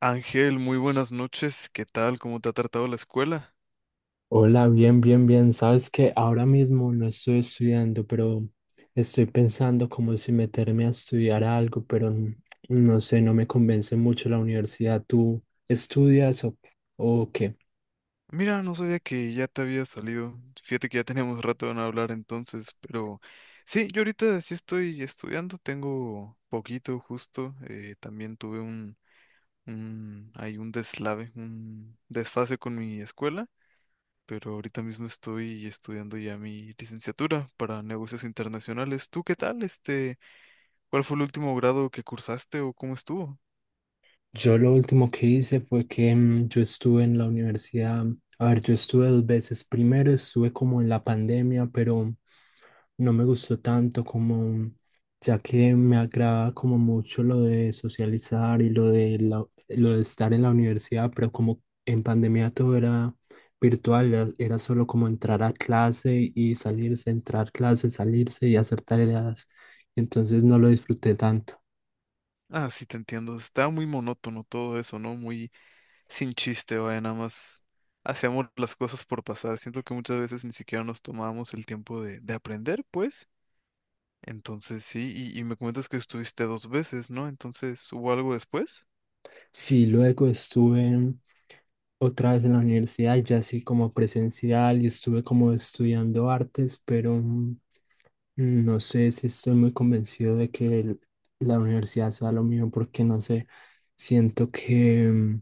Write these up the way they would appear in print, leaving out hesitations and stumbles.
Ángel, muy buenas noches. ¿Qué tal? ¿Cómo te ha tratado la escuela? Hola, bien. Sabes que ahora mismo no estoy estudiando, pero estoy pensando como si meterme a estudiar algo, pero no sé, no me convence mucho la universidad. ¿Tú estudias o qué? Mira, no sabía que ya te había salido. Fíjate que ya teníamos rato de no hablar entonces, pero sí, yo ahorita sí estoy estudiando, tengo poquito justo. También tuve hay un deslave, un desfase con mi escuela, pero ahorita mismo estoy estudiando ya mi licenciatura para negocios internacionales. ¿Tú qué tal? ¿Cuál fue el último grado que cursaste o cómo estuvo? Yo lo último que hice fue que yo estuve en la universidad, a ver, yo estuve dos veces. Primero estuve como en la pandemia, pero no me gustó tanto como, ya que me agrada como mucho lo de socializar y lo de lo de estar en la universidad, pero como en pandemia todo era virtual, era solo como entrar a clase y salirse, entrar clase, salirse y hacer tareas. Entonces no lo disfruté tanto. Ah, sí, te entiendo. Está muy monótono todo eso, ¿no? Muy sin chiste, vaya, nada más hacemos las cosas por pasar. Siento que muchas veces ni siquiera nos tomamos el tiempo de aprender, pues. Entonces, sí, y me comentas que estuviste dos veces, ¿no? Entonces, ¿hubo algo después? Sí, luego estuve otra vez en la universidad, ya así como presencial y estuve como estudiando artes, pero no sé si estoy muy convencido de que la universidad sea lo mío porque no sé, siento que,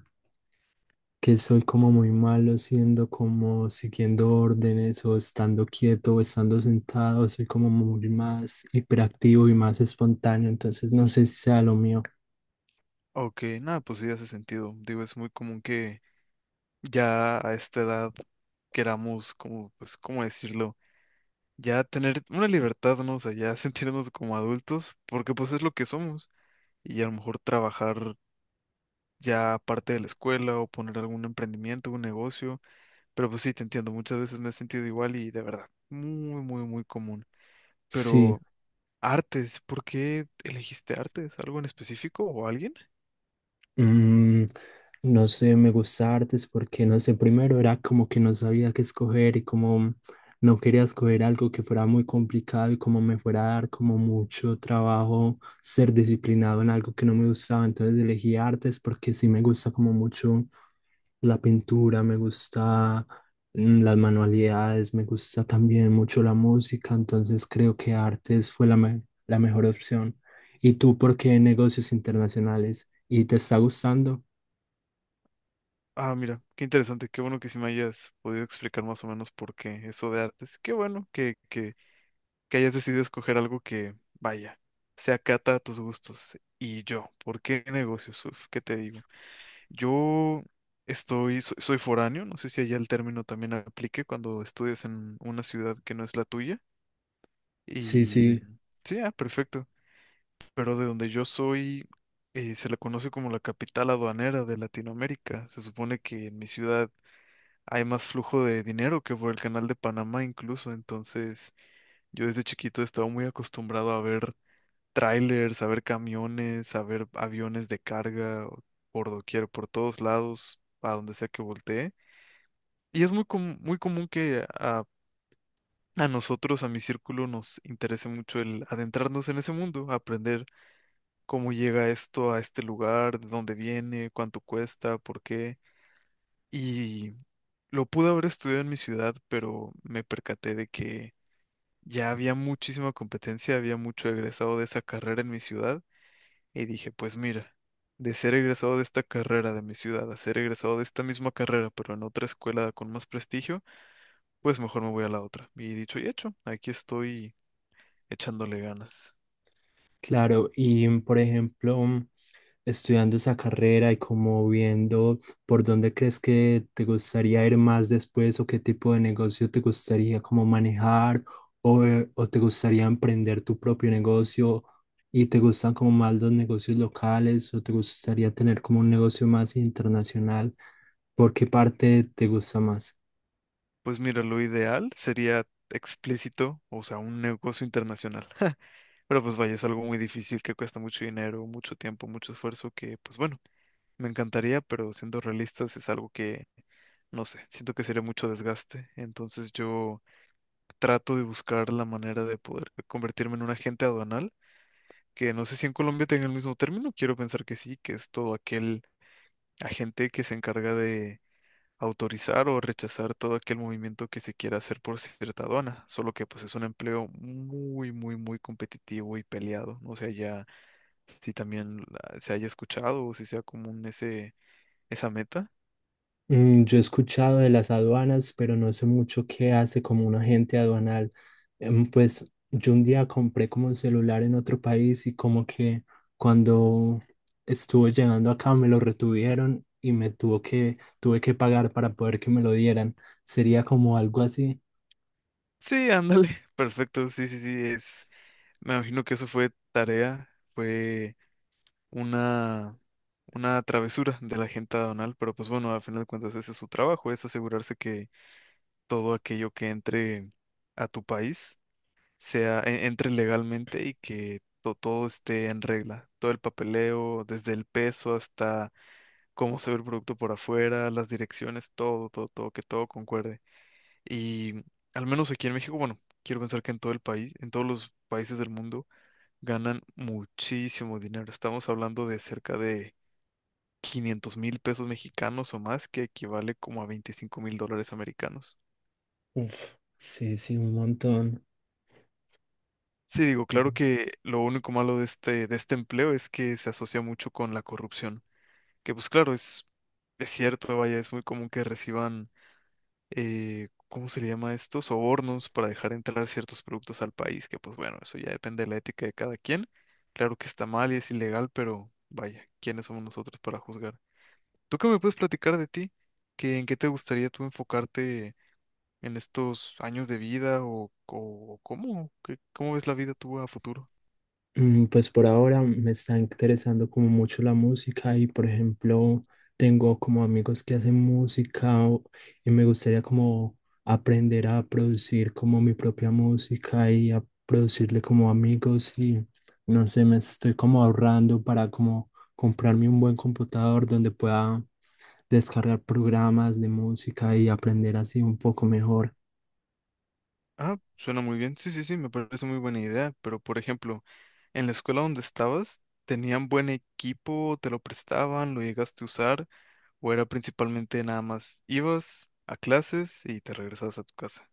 que soy como muy malo siendo como siguiendo órdenes o estando quieto o estando sentado, soy como muy más hiperactivo y más espontáneo, entonces no sé si sea lo mío. Ok, nada, pues sí hace sentido. Digo, es muy común que ya a esta edad queramos, como, pues, ¿cómo decirlo? Ya tener una libertad, ¿no? O sea, ya sentirnos como adultos, porque pues es lo que somos. Y a lo mejor trabajar ya aparte de la escuela o poner algún emprendimiento, un negocio, pero pues sí, te entiendo, muchas veces me he sentido igual y de verdad, muy, muy, muy común. Sí. Pero artes, ¿por qué elegiste artes? ¿Algo en específico o alguien? Mm, no sé, me gusta artes porque no sé, primero era como que no sabía qué escoger y como no quería escoger algo que fuera muy complicado y como me fuera a dar como mucho trabajo ser disciplinado en algo que no me gustaba, entonces elegí artes porque sí me gusta como mucho la pintura, me gusta las manualidades, me gusta también mucho la música, entonces creo que artes fue la mejor opción. ¿Y tú por qué negocios internacionales? ¿Y te está gustando? Ah, mira, qué interesante, qué bueno que sí me hayas podido explicar más o menos por qué eso de artes. Qué bueno que, que hayas decidido escoger algo que, vaya, se acata a tus gustos. Y yo, ¿por qué negocios? Uf, ¿qué te digo? Yo soy foráneo, no sé si allá el término también aplique cuando estudias en una ciudad que no es la tuya. Sí, Y sí, sí, ah, perfecto. Pero de donde yo soy, se la conoce como la capital aduanera de Latinoamérica. Se supone que en mi ciudad hay más flujo de dinero que por el canal de Panamá incluso. Entonces, yo desde chiquito he estado muy acostumbrado a ver trailers, a ver camiones, a ver aviones de carga, por doquier, por todos lados, a donde sea que voltee. Y es muy, muy común que a nosotros, a mi círculo, nos interese mucho el adentrarnos en ese mundo, aprender cómo llega esto a este lugar, de dónde viene, cuánto cuesta, por qué. Y lo pude haber estudiado en mi ciudad, pero me percaté de que ya había muchísima competencia, había mucho egresado de esa carrera en mi ciudad. Y dije, pues mira, de ser egresado de esta carrera de mi ciudad a ser egresado de esta misma carrera, pero en otra escuela con más prestigio, pues mejor me voy a la otra. Y dicho y hecho, aquí estoy echándole ganas. claro. Y por ejemplo, estudiando esa carrera y como viendo por dónde crees que te gustaría ir más después o qué tipo de negocio te gustaría como manejar o te gustaría emprender tu propio negocio y te gustan como más los negocios locales o te gustaría tener como un negocio más internacional? ¿Por qué parte te gusta más? Pues mira, lo ideal sería explícito, o sea, un negocio internacional. Pero pues vaya, es algo muy difícil que cuesta mucho dinero, mucho tiempo, mucho esfuerzo, que pues bueno, me encantaría, pero siendo realistas es algo que, no sé, siento que sería mucho desgaste. Entonces yo trato de buscar la manera de poder convertirme en un agente aduanal, que no sé si en Colombia tenga el mismo término, quiero pensar que sí, que es todo aquel agente que se encarga de autorizar o rechazar todo aquel movimiento que se quiera hacer por cierta aduana, solo que pues es un empleo muy, muy, muy competitivo y peleado, no sé ya si también se haya escuchado o si sea común ese, esa meta. Yo he escuchado de las aduanas, pero no sé mucho qué hace como un agente aduanal. Pues yo un día compré como un celular en otro país y como que cuando estuvo llegando acá me lo retuvieron y me tuvo tuve que pagar para poder que me lo dieran. Sería como algo así. Sí, ándale, perfecto, sí, sí, sí, es, me imagino que eso fue tarea, fue una, una travesura de la gente aduanal, pero pues bueno, al final de cuentas ese es su trabajo, es asegurarse que todo aquello que entre a tu país entre legalmente y que todo esté en regla, todo el papeleo, desde el peso hasta cómo se ve el producto por afuera, las direcciones, todo, todo, todo, que todo concuerde. Y al menos aquí en México, bueno, quiero pensar que en todo el país, en todos los países del mundo, ganan muchísimo dinero. Estamos hablando de cerca de 500.000 pesos mexicanos o más, que equivale como a 25.000 dólares americanos. Uf, sí, sí, un montón. Sí, digo, claro que lo único malo de este empleo es que se asocia mucho con la corrupción, que pues claro, es cierto, vaya, es muy común que reciban, ¿cómo se le llama esto? Sobornos para dejar entrar ciertos productos al país, que pues bueno, eso ya depende de la ética de cada quien. Claro que está mal y es ilegal, pero vaya, ¿quiénes somos nosotros para juzgar? ¿Tú qué me puedes platicar de ti? ¿Qué, en qué te gustaría tú enfocarte en estos años de vida o cómo? ¿Cómo ves la vida tú a futuro? Pues por ahora me está interesando como mucho la música y por ejemplo tengo como amigos que hacen música y me gustaría como aprender a producir como mi propia música y a producirle como amigos y no sé, me estoy como ahorrando para como comprarme un buen computador donde pueda descargar programas de música y aprender así un poco mejor. Ah, suena muy bien. Sí, sí, sí, me parece muy buena idea. Pero, por ejemplo, en la escuela donde estabas, ¿tenían buen equipo? ¿Te lo prestaban? ¿Lo llegaste a usar? ¿O era principalmente nada más ibas a clases y te regresabas a tu casa?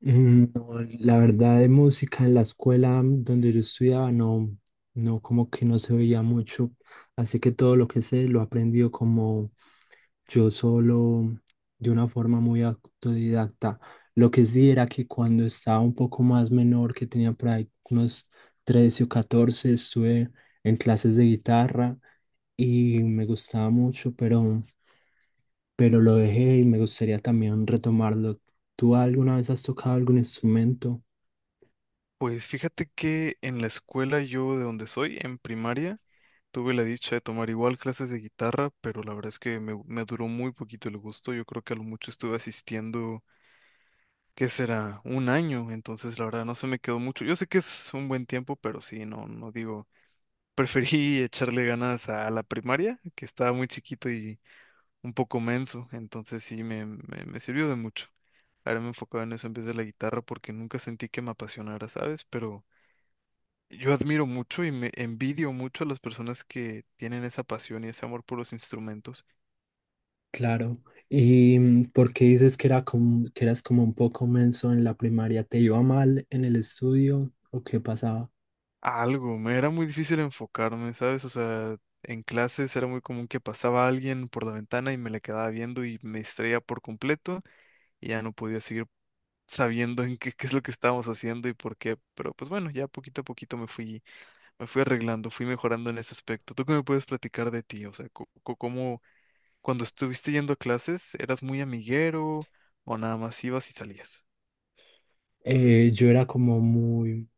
No, la verdad de música en la escuela donde yo estudiaba no, no como que no se veía mucho, así que todo lo que sé lo he aprendido como yo solo, de una forma muy autodidacta. Lo que sí era que cuando estaba un poco más menor, que tenía por ahí unos 13 o 14 estuve en clases de guitarra y me gustaba mucho, pero lo dejé y me gustaría también retomarlo. ¿Tú alguna vez has tocado algún instrumento? Pues fíjate que en la escuela yo de donde soy, en primaria, tuve la dicha de tomar igual clases de guitarra, pero la verdad es que me duró muy poquito el gusto. Yo creo que a lo mucho estuve asistiendo, ¿qué será? Un año, entonces la verdad no se me quedó mucho. Yo sé que es un buen tiempo, pero sí, no, no digo, preferí echarle ganas a la primaria, que estaba muy chiquito y un poco menso, entonces sí me sirvió de mucho. Ahora me enfocaba en eso en vez de la guitarra porque nunca sentí que me apasionara, ¿sabes? Pero yo admiro mucho y me envidio mucho a las personas que tienen esa pasión y ese amor por los instrumentos. Claro. ¿Y por qué dices que era como, que eras como un poco menso en la primaria? ¿Te iba mal en el estudio o qué pasaba? Algo, me era muy difícil enfocarme, ¿sabes? O sea, en clases era muy común que pasaba alguien por la ventana y me le quedaba viendo y me distraía por completo y ya no podía seguir sabiendo en qué, qué es lo que estábamos haciendo y por qué. Pero pues bueno, ya poquito a poquito me fui arreglando, fui mejorando en ese aspecto. ¿Tú qué me puedes platicar de ti? O sea, ¿cómo cuando estuviste yendo a clases eras muy amiguero o nada más ibas y salías? Yo era como muy,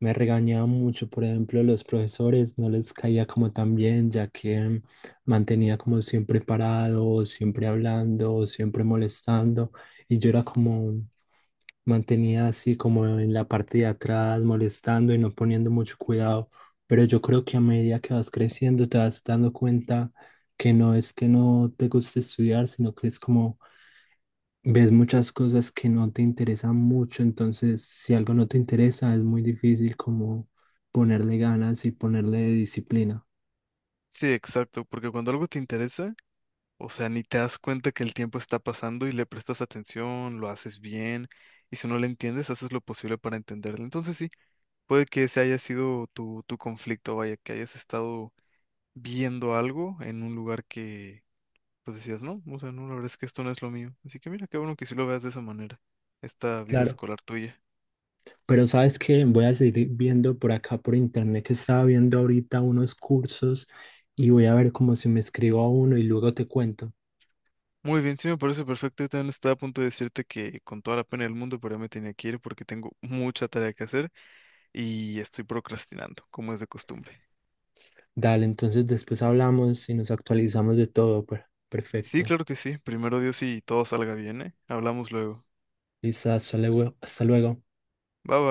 me regañaba mucho, por ejemplo, los profesores, no les caía como tan bien, ya que mantenía como siempre parado, siempre hablando, siempre molestando, y yo era como, mantenía así como en la parte de atrás, molestando y no poniendo mucho cuidado, pero yo creo que a medida que vas creciendo te vas dando cuenta que no es que no te guste estudiar, sino que es como ves muchas cosas que no te interesan mucho, entonces si algo no te interesa es muy difícil como ponerle ganas y ponerle disciplina. Sí, exacto, porque cuando algo te interesa, o sea, ni te das cuenta que el tiempo está pasando y le prestas atención, lo haces bien, y si no le entiendes, haces lo posible para entenderlo. Entonces sí, puede que ese haya sido tu conflicto, vaya, que hayas estado viendo algo en un lugar que, pues decías, no, o sea, no, la verdad es que esto no es lo mío. Así que mira, qué bueno que sí lo veas de esa manera, esta vida Claro, escolar tuya. pero sabes que voy a seguir viendo por acá por internet que estaba viendo ahorita unos cursos y voy a ver como si me escribo a uno y luego te cuento. Muy bien, sí me parece perfecto. Yo también estaba a punto de decirte que con toda la pena del mundo, pero ya me tenía que ir porque tengo mucha tarea que hacer y estoy procrastinando, como es de costumbre. Dale, entonces después hablamos y nos actualizamos de todo. Sí, Perfecto. claro que sí. Primero Dios y todo salga bien, ¿eh? Hablamos luego. Lisa, hasta luego. Hasta luego. Bye bye.